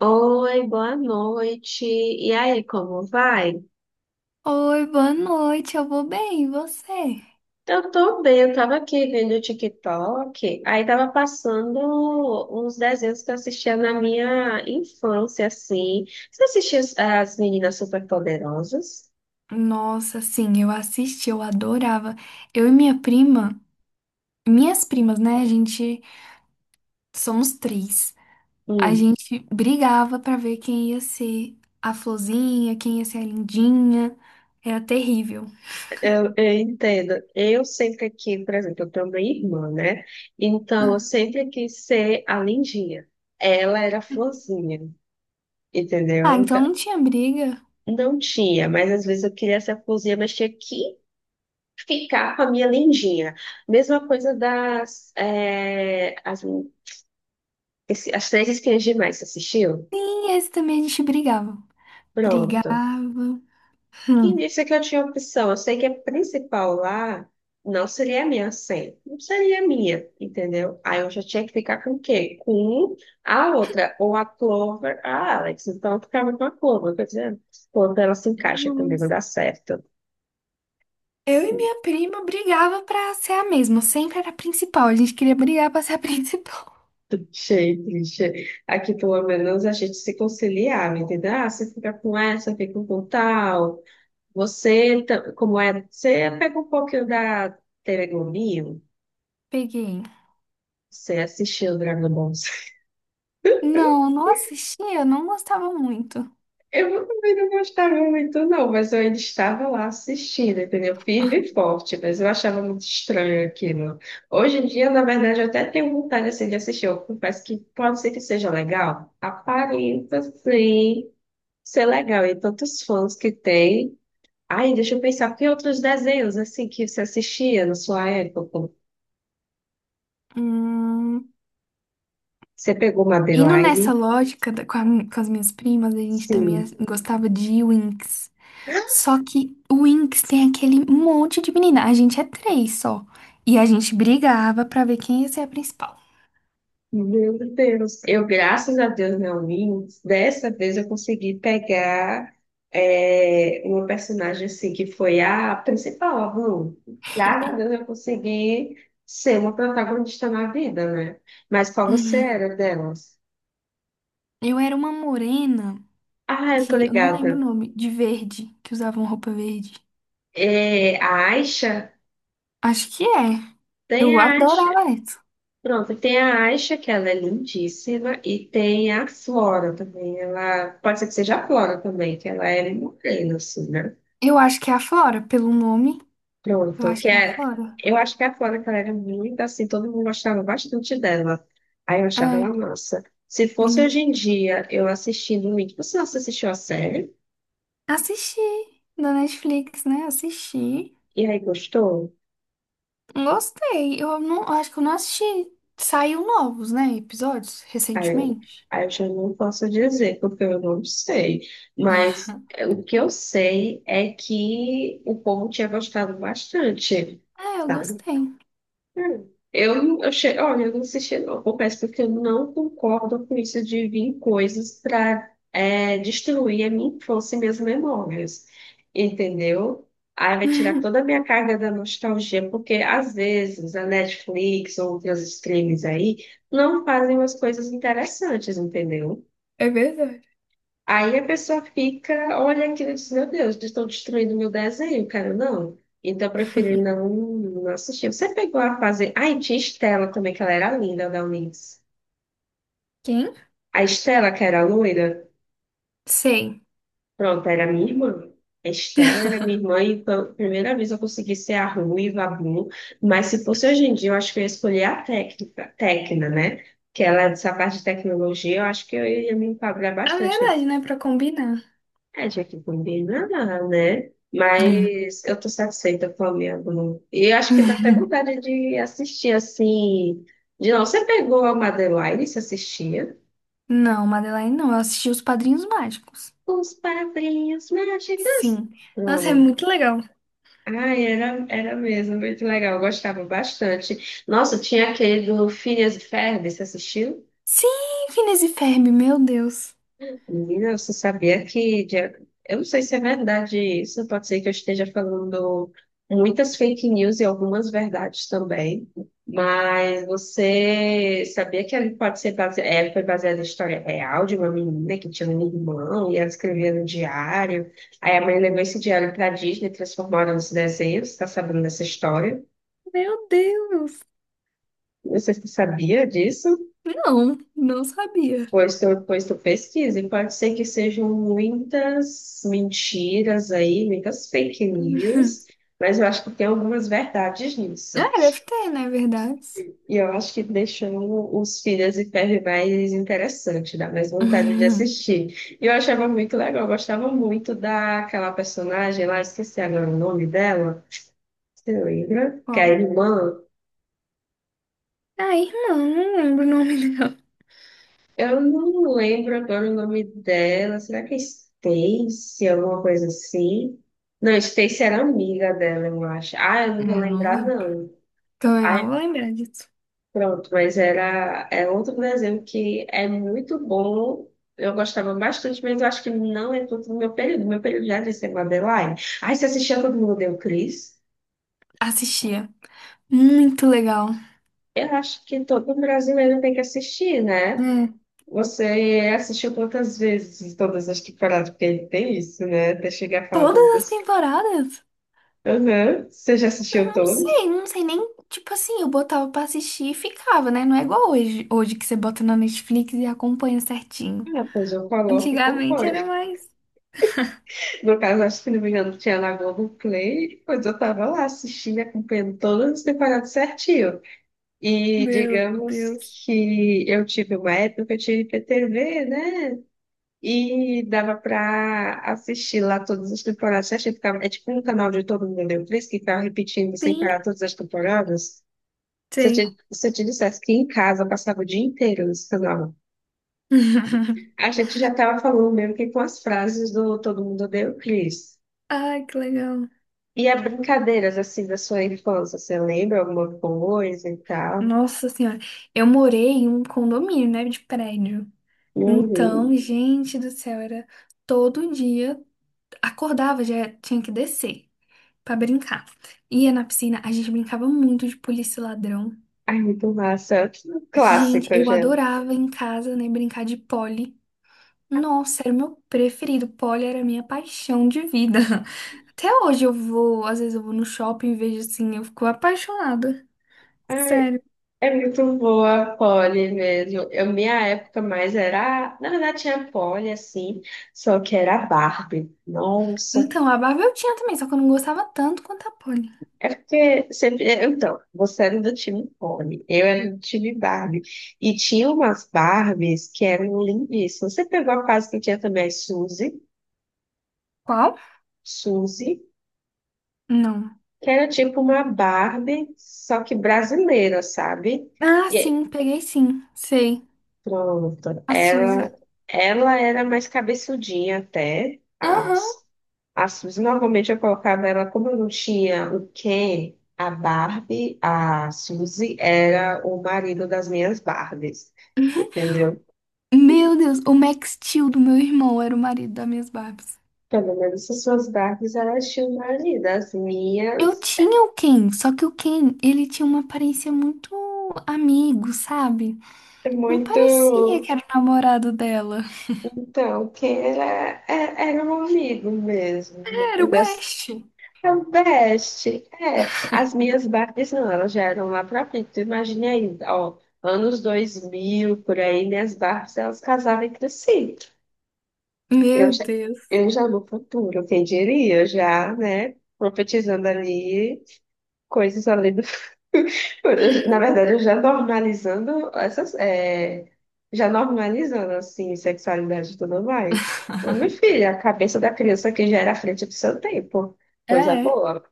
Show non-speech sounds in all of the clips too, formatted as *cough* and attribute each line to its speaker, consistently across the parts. Speaker 1: Oi, boa noite. E aí, como vai?
Speaker 2: Oi, boa noite, eu vou bem, e você?
Speaker 1: Eu tô bem, eu tava aqui vendo o TikTok, aí tava passando uns desenhos que eu assistia na minha infância, assim. Você assistia as Meninas Superpoderosas?
Speaker 2: Nossa, sim, eu assisti, eu adorava. Eu e minha prima, Minhas primas, né? A gente somos três. A
Speaker 1: Hum,
Speaker 2: gente brigava pra ver quem ia ser a florzinha, quem ia ser a lindinha. Era terrível.
Speaker 1: eu entendo. Eu sempre quis, por exemplo, eu tenho uma irmã, né? Então, eu
Speaker 2: Uhum.
Speaker 1: sempre quis ser a lindinha. Ela era a florzinha,
Speaker 2: Ah,
Speaker 1: entendeu?
Speaker 2: então
Speaker 1: Então,
Speaker 2: não tinha briga.
Speaker 1: não tinha, mas às vezes eu queria ser a florzinha, mas tinha que ficar com a minha lindinha. Mesma coisa das as, as três espinhas demais, você assistiu?
Speaker 2: Sim, esse também a gente brigava.
Speaker 1: Pronto.
Speaker 2: Brigava.
Speaker 1: E
Speaker 2: Hum.
Speaker 1: disse que eu tinha opção. Eu sei que a principal lá não seria a minha senha. Não seria a minha, entendeu? Aí eu já tinha que ficar com o quê? Com a outra, ou a Clover, a Alex. Então eu ficava com a Clover, quer dizer, quando ela se encaixa também não
Speaker 2: Deus.
Speaker 1: dá certo.
Speaker 2: Eu e minha prima brigava pra ser a mesma, sempre era a principal. A gente queria brigar pra ser a *laughs* principal.
Speaker 1: *laughs* Achei triste. Aqui, pelo menos, a gente se conciliava, entendeu? Ah, você fica com essa, fica com tal. Você, como é? Você pega um pouquinho da Telegominho,
Speaker 2: Peguei.
Speaker 1: você assistiu o Dragon Ball Z. *laughs*
Speaker 2: Não, não assisti, eu não gostava muito.
Speaker 1: Eu também não gostava muito, não, mas eu ainda estava lá assistindo, entendeu? Firme e forte, mas eu achava muito estranho aquilo. Hoje em dia, na verdade, eu até tenho vontade, assim, de assistir. Eu confesso que pode ser que seja legal. Aparenta, sim. Isso é legal, e tantos fãs que tem. Ai, deixa eu pensar, que outros desenhos assim que você assistia na sua época?
Speaker 2: Hum,
Speaker 1: Você pegou uma
Speaker 2: indo
Speaker 1: Madeline?
Speaker 2: nessa lógica da- com, a mi- com as minhas primas, a gente
Speaker 1: Sim.
Speaker 2: gostava de Winx. Só que o Winx tem aquele monte de menina. A gente é três só. E a gente brigava pra ver quem ia ser a principal.
Speaker 1: Meu Deus. Eu, graças a Deus, não li. Dessa vez eu consegui pegar uma personagem assim que foi a principal, a Blue. Graças a Deus eu consegui ser uma protagonista na vida, né? Mas qual você
Speaker 2: Hum,
Speaker 1: era delas?
Speaker 2: Eu era uma morena,
Speaker 1: Ah, eu tô
Speaker 2: que eu não lembro o
Speaker 1: ligada.
Speaker 2: nome, de verde, que usava roupa verde.
Speaker 1: É, a Aisha?
Speaker 2: Acho que é.
Speaker 1: Tem
Speaker 2: Eu
Speaker 1: a Asha,
Speaker 2: adorava essa.
Speaker 1: pronto, tem a Asha, que ela é lindíssima, e tem a Flora também, ela, pode ser que seja a Flora também, que ela era morena, assim, né?
Speaker 2: Eu acho que é a Flora, pelo nome. Eu
Speaker 1: Pronto,
Speaker 2: acho
Speaker 1: que
Speaker 2: que é a
Speaker 1: é,
Speaker 2: Flora.
Speaker 1: eu acho que a Flora, que ela era muito assim, todo mundo gostava bastante dela, aí eu achava ela
Speaker 2: É.
Speaker 1: massa. Se fosse hoje em dia, eu assistindo muito, você não assistiu a série?
Speaker 2: Assisti da Netflix, né? Assisti.
Speaker 1: E aí gostou?
Speaker 2: Gostei. Eu não, eu acho que eu não assisti. Saiu novos, né? Episódios
Speaker 1: Aí eu,
Speaker 2: recentemente.
Speaker 1: aí eu já não posso dizer, porque eu não sei. Mas é, o que eu sei é que o povo tinha gostado bastante,
Speaker 2: Ah, eu
Speaker 1: sabe?
Speaker 2: gostei.
Speaker 1: Hum. Olha, eu não assisti, não. Eu confesso porque eu não concordo com isso de vir coisas para destruir a minha infância e minhas memórias. Entendeu? Aí vai tirar toda a
Speaker 2: *laughs*
Speaker 1: minha carga da nostalgia, porque às vezes a Netflix ou outras streams aí não fazem umas coisas interessantes, entendeu?
Speaker 2: É verdade.
Speaker 1: Aí a pessoa fica, olha aquilo e diz, meu Deus, eles estão destruindo meu desenho, cara, não. Então eu preferi não assistir. Você pegou a fase. Ai, tinha Estela também, que ela era linda da Unis.
Speaker 2: Quem?
Speaker 1: A Estela, que era loira,
Speaker 2: Sei.
Speaker 1: pronto, era minha irmã. A Estela era minha irmã e pela primeira vez eu consegui ser a ruiva, a Blue. Mas se fosse hoje em dia, eu acho que eu ia escolher a técnica, Tecna, né? Que ela é dessa parte de tecnologia, eu acho que eu ia me enquadrar
Speaker 2: É
Speaker 1: bastante.
Speaker 2: verdade, né? Pra combinar.
Speaker 1: É, tinha que combinar, né?
Speaker 2: É.
Speaker 1: Mas eu tô satisfeita com a minha Globo. E eu acho que dá até vontade de assistir assim. De não, você pegou a Madeline, e se assistia?
Speaker 2: Não, Madeline, não. Eu assisti Os Padrinhos Mágicos.
Speaker 1: Os Padrinhos Mágicos.
Speaker 2: Sim. Nossa, é
Speaker 1: Pronto.
Speaker 2: muito legal.
Speaker 1: Ai, era mesmo, muito legal. Eu gostava bastante. Nossa, tinha aquele do Phineas e Ferb, você assistiu?
Speaker 2: Sim, Phineas e Ferb, meu Deus.
Speaker 1: Menina, você sabia eu não sei se é verdade isso, pode ser que eu esteja falando muitas fake news e algumas verdades também, mas você sabia que ele pode ser base... é, foi baseada em história real de uma menina que tinha um irmão e ela escrevia no diário, aí a mãe levou esse diário para Disney e transformaram nos desenhos, está sabendo dessa história?
Speaker 2: Meu Deus!
Speaker 1: Você sabia disso?
Speaker 2: Não, não sabia.
Speaker 1: Pois tu pesquisa, e pode ser que sejam muitas mentiras aí, muitas fake news,
Speaker 2: *laughs*
Speaker 1: mas eu acho que tem algumas verdades nisso.
Speaker 2: Ah, deve ter, né? Verdade.
Speaker 1: E eu acho que deixou os Filhas e Ferro mais interessante, dá mais vontade de
Speaker 2: *laughs*
Speaker 1: assistir. E eu achava muito legal, eu gostava muito daquela personagem lá, esqueci agora o nome dela, você lembra? Que é a
Speaker 2: Qual?
Speaker 1: irmã.
Speaker 2: Ah, irmã, não lembro o nome *laughs* dela.
Speaker 1: Eu não lembro agora o nome dela. Será que é Stacy, alguma coisa assim? Não, Stacy era amiga dela, eu acho. Ah, eu
Speaker 2: Eu
Speaker 1: não vou
Speaker 2: não
Speaker 1: lembrar,
Speaker 2: lembro.
Speaker 1: não.
Speaker 2: Também não
Speaker 1: Ah,
Speaker 2: vou lembrar disso.
Speaker 1: pronto, mas é outro desenho que é muito bom. Eu gostava bastante, mas eu acho que não é todo o meu período. Meu período já era de ser Madeline. Ah, você assistia Todo Mundo Deu Cris?
Speaker 2: Assistia. Muito legal.
Speaker 1: Eu acho que todo brasileiro tem que assistir, né?
Speaker 2: É.
Speaker 1: Você assistiu quantas vezes todas as temporadas? Porque ele tem isso, né? Até chegar a falar
Speaker 2: Todas
Speaker 1: todas
Speaker 2: as
Speaker 1: as.
Speaker 2: temporadas?
Speaker 1: Aham. Você já
Speaker 2: Eu
Speaker 1: assistiu
Speaker 2: não
Speaker 1: todos?
Speaker 2: sei, não sei nem. Tipo assim, eu botava pra assistir e ficava, né? Não é igual hoje, hoje que você bota na Netflix e acompanha certinho.
Speaker 1: Ah, pois eu coloco e
Speaker 2: Antigamente
Speaker 1: compõe.
Speaker 2: era
Speaker 1: *laughs*
Speaker 2: mais.
Speaker 1: No caso, acho que, se não me engano, tinha na Globoplay, pois eu estava lá assistindo, e acompanhando todas as temporadas certinho. E
Speaker 2: Meu
Speaker 1: digamos
Speaker 2: Deus.
Speaker 1: que eu tive uma época que eu tinha IPTV, né? E dava para assistir lá todas as temporadas certinho. Ficava, é tipo um canal de todo mundo deu três que ficava repetindo sem
Speaker 2: Sim,
Speaker 1: parar todas as temporadas.
Speaker 2: sei.
Speaker 1: Se eu te dissesse que em casa eu passava o dia inteiro no celular,
Speaker 2: *laughs*
Speaker 1: a gente já estava falando mesmo que com as frases do Todo Mundo Odeia o Chris.
Speaker 2: Ai, que legal.
Speaker 1: E as brincadeiras, assim, da sua infância, você lembra alguma coisa e tal?
Speaker 2: Nossa Senhora. Eu morei em um condomínio, né? De prédio.
Speaker 1: Uhum.
Speaker 2: Então, gente do céu, era todo dia. Acordava, já tinha que descer pra brincar. Ia na piscina, a gente brincava muito de polícia e ladrão.
Speaker 1: Ai, muito massa.
Speaker 2: Gente,
Speaker 1: Clássico,
Speaker 2: eu
Speaker 1: já.
Speaker 2: adorava em casa, né, brincar de pole. Nossa, era o meu preferido. Pole era a minha paixão de vida. *laughs* Até hoje eu vou, às vezes eu vou no shopping e vejo assim, eu fico apaixonada.
Speaker 1: Ai,
Speaker 2: Sério.
Speaker 1: é muito boa a Polly mesmo. Eu, minha época mais era. Na verdade, tinha Polly, assim, só que era a Barbie. Nossa,
Speaker 2: Então, a Barbie eu tinha também, só que eu não gostava tanto quanto a pole.
Speaker 1: é porque sempre. Então, você era do time Pony, eu era do time Barbie. E tinha umas Barbies que eram lindíssimas. Você pegou a fase que tinha também as Suzy,
Speaker 2: Qual?
Speaker 1: Suzy,
Speaker 2: Não.
Speaker 1: que era tipo uma Barbie, só que brasileira, sabe?
Speaker 2: Ah, sim, peguei sim. Sei.
Speaker 1: Pronto.
Speaker 2: A Suzy.
Speaker 1: Ela era mais cabeçudinha até.
Speaker 2: Aham.
Speaker 1: As Suzy, normalmente eu colocava ela, como eu não tinha o Ken, a Barbie, a Suzy era o marido das minhas Barbies, entendeu?
Speaker 2: Meu Deus, o Max Steel do meu irmão era o marido das minhas Barbies.
Speaker 1: Pelo menos as suas Barbies, elas tinham um marido. As
Speaker 2: Eu
Speaker 1: minhas,
Speaker 2: tinha o Ken, só que o Ken, ele tinha uma aparência muito amigo, sabe?
Speaker 1: é
Speaker 2: Não parecia
Speaker 1: muito...
Speaker 2: que era o namorado dela.
Speaker 1: Então, o Ken era, era um amigo mesmo. No
Speaker 2: Era
Speaker 1: fim
Speaker 2: o
Speaker 1: das.
Speaker 2: Best.
Speaker 1: É o best. É, as minhas Barbies não, elas já eram lá pra frente. Tu imagina aí, ó, anos 2000 por aí, minhas Barbies, elas casaram entre si. Eu
Speaker 2: Meu
Speaker 1: já,
Speaker 2: Deus.
Speaker 1: eu já no futuro, quem diria, já, né, profetizando ali coisas ali do *laughs* na verdade, eu já normalizando essas, já normalizando, assim, sexualidade e tudo mais. Meu filho, a cabeça da criança que já era à frente do seu tempo. Coisa
Speaker 2: É,
Speaker 1: boa.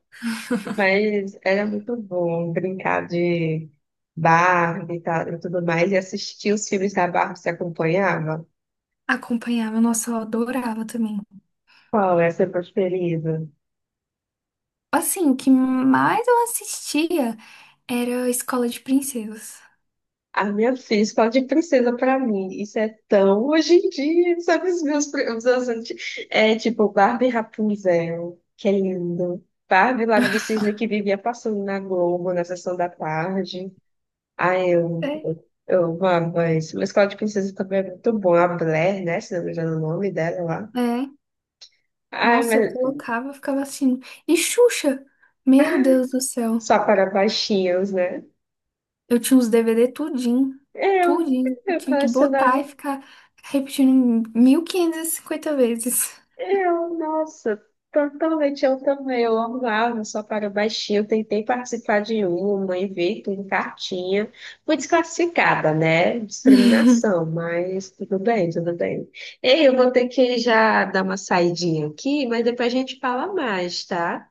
Speaker 1: Mas era muito bom brincar de Barbie e tal, e tudo mais, e assistir os filmes da Barbie, se acompanhava.
Speaker 2: acompanhava, nossa, eu adorava também.
Speaker 1: Qual é a sua preferida?
Speaker 2: Assim, o que mais eu assistia era a Escola de Princesas.
Speaker 1: A minha filha, escola de princesa pra mim. Isso é tão hoje em dia, sabe? Os meus anti- é tipo Barbie Rapunzel, que é lindo. Barbie Lago do Cisne, que vivia passando na Globo, na sessão da tarde. Ai, eu,
Speaker 2: Sei.
Speaker 1: eu amava isso. Mas escola de princesa também é muito bom. A Blair, né? Se não me engano o nome dela lá.
Speaker 2: É,
Speaker 1: Ai,
Speaker 2: nossa, eu
Speaker 1: mas
Speaker 2: colocava, ficava assistindo. E Xuxa, meu
Speaker 1: ah,
Speaker 2: Deus do céu.
Speaker 1: só para baixinhos, né?
Speaker 2: Eu tinha os DVD tudinho,
Speaker 1: Eu,
Speaker 2: tudinho. Eu
Speaker 1: eu
Speaker 2: tinha que botar e
Speaker 1: colecionava.
Speaker 2: ficar repetindo 1.550 vezes.
Speaker 1: Eu, nossa, totalmente eu também. Eu amava só para baixinho. Eu tentei participar de uma e ver tudo em cartinha. Fui desclassificada, né?
Speaker 2: *laughs*
Speaker 1: Discriminação, mas tudo bem, tudo bem. Ei, eu vou ter que já dar uma saidinha aqui, mas depois a gente fala mais, tá?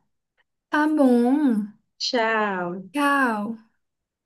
Speaker 2: Tá bom.
Speaker 1: Tchau.
Speaker 2: Tchau.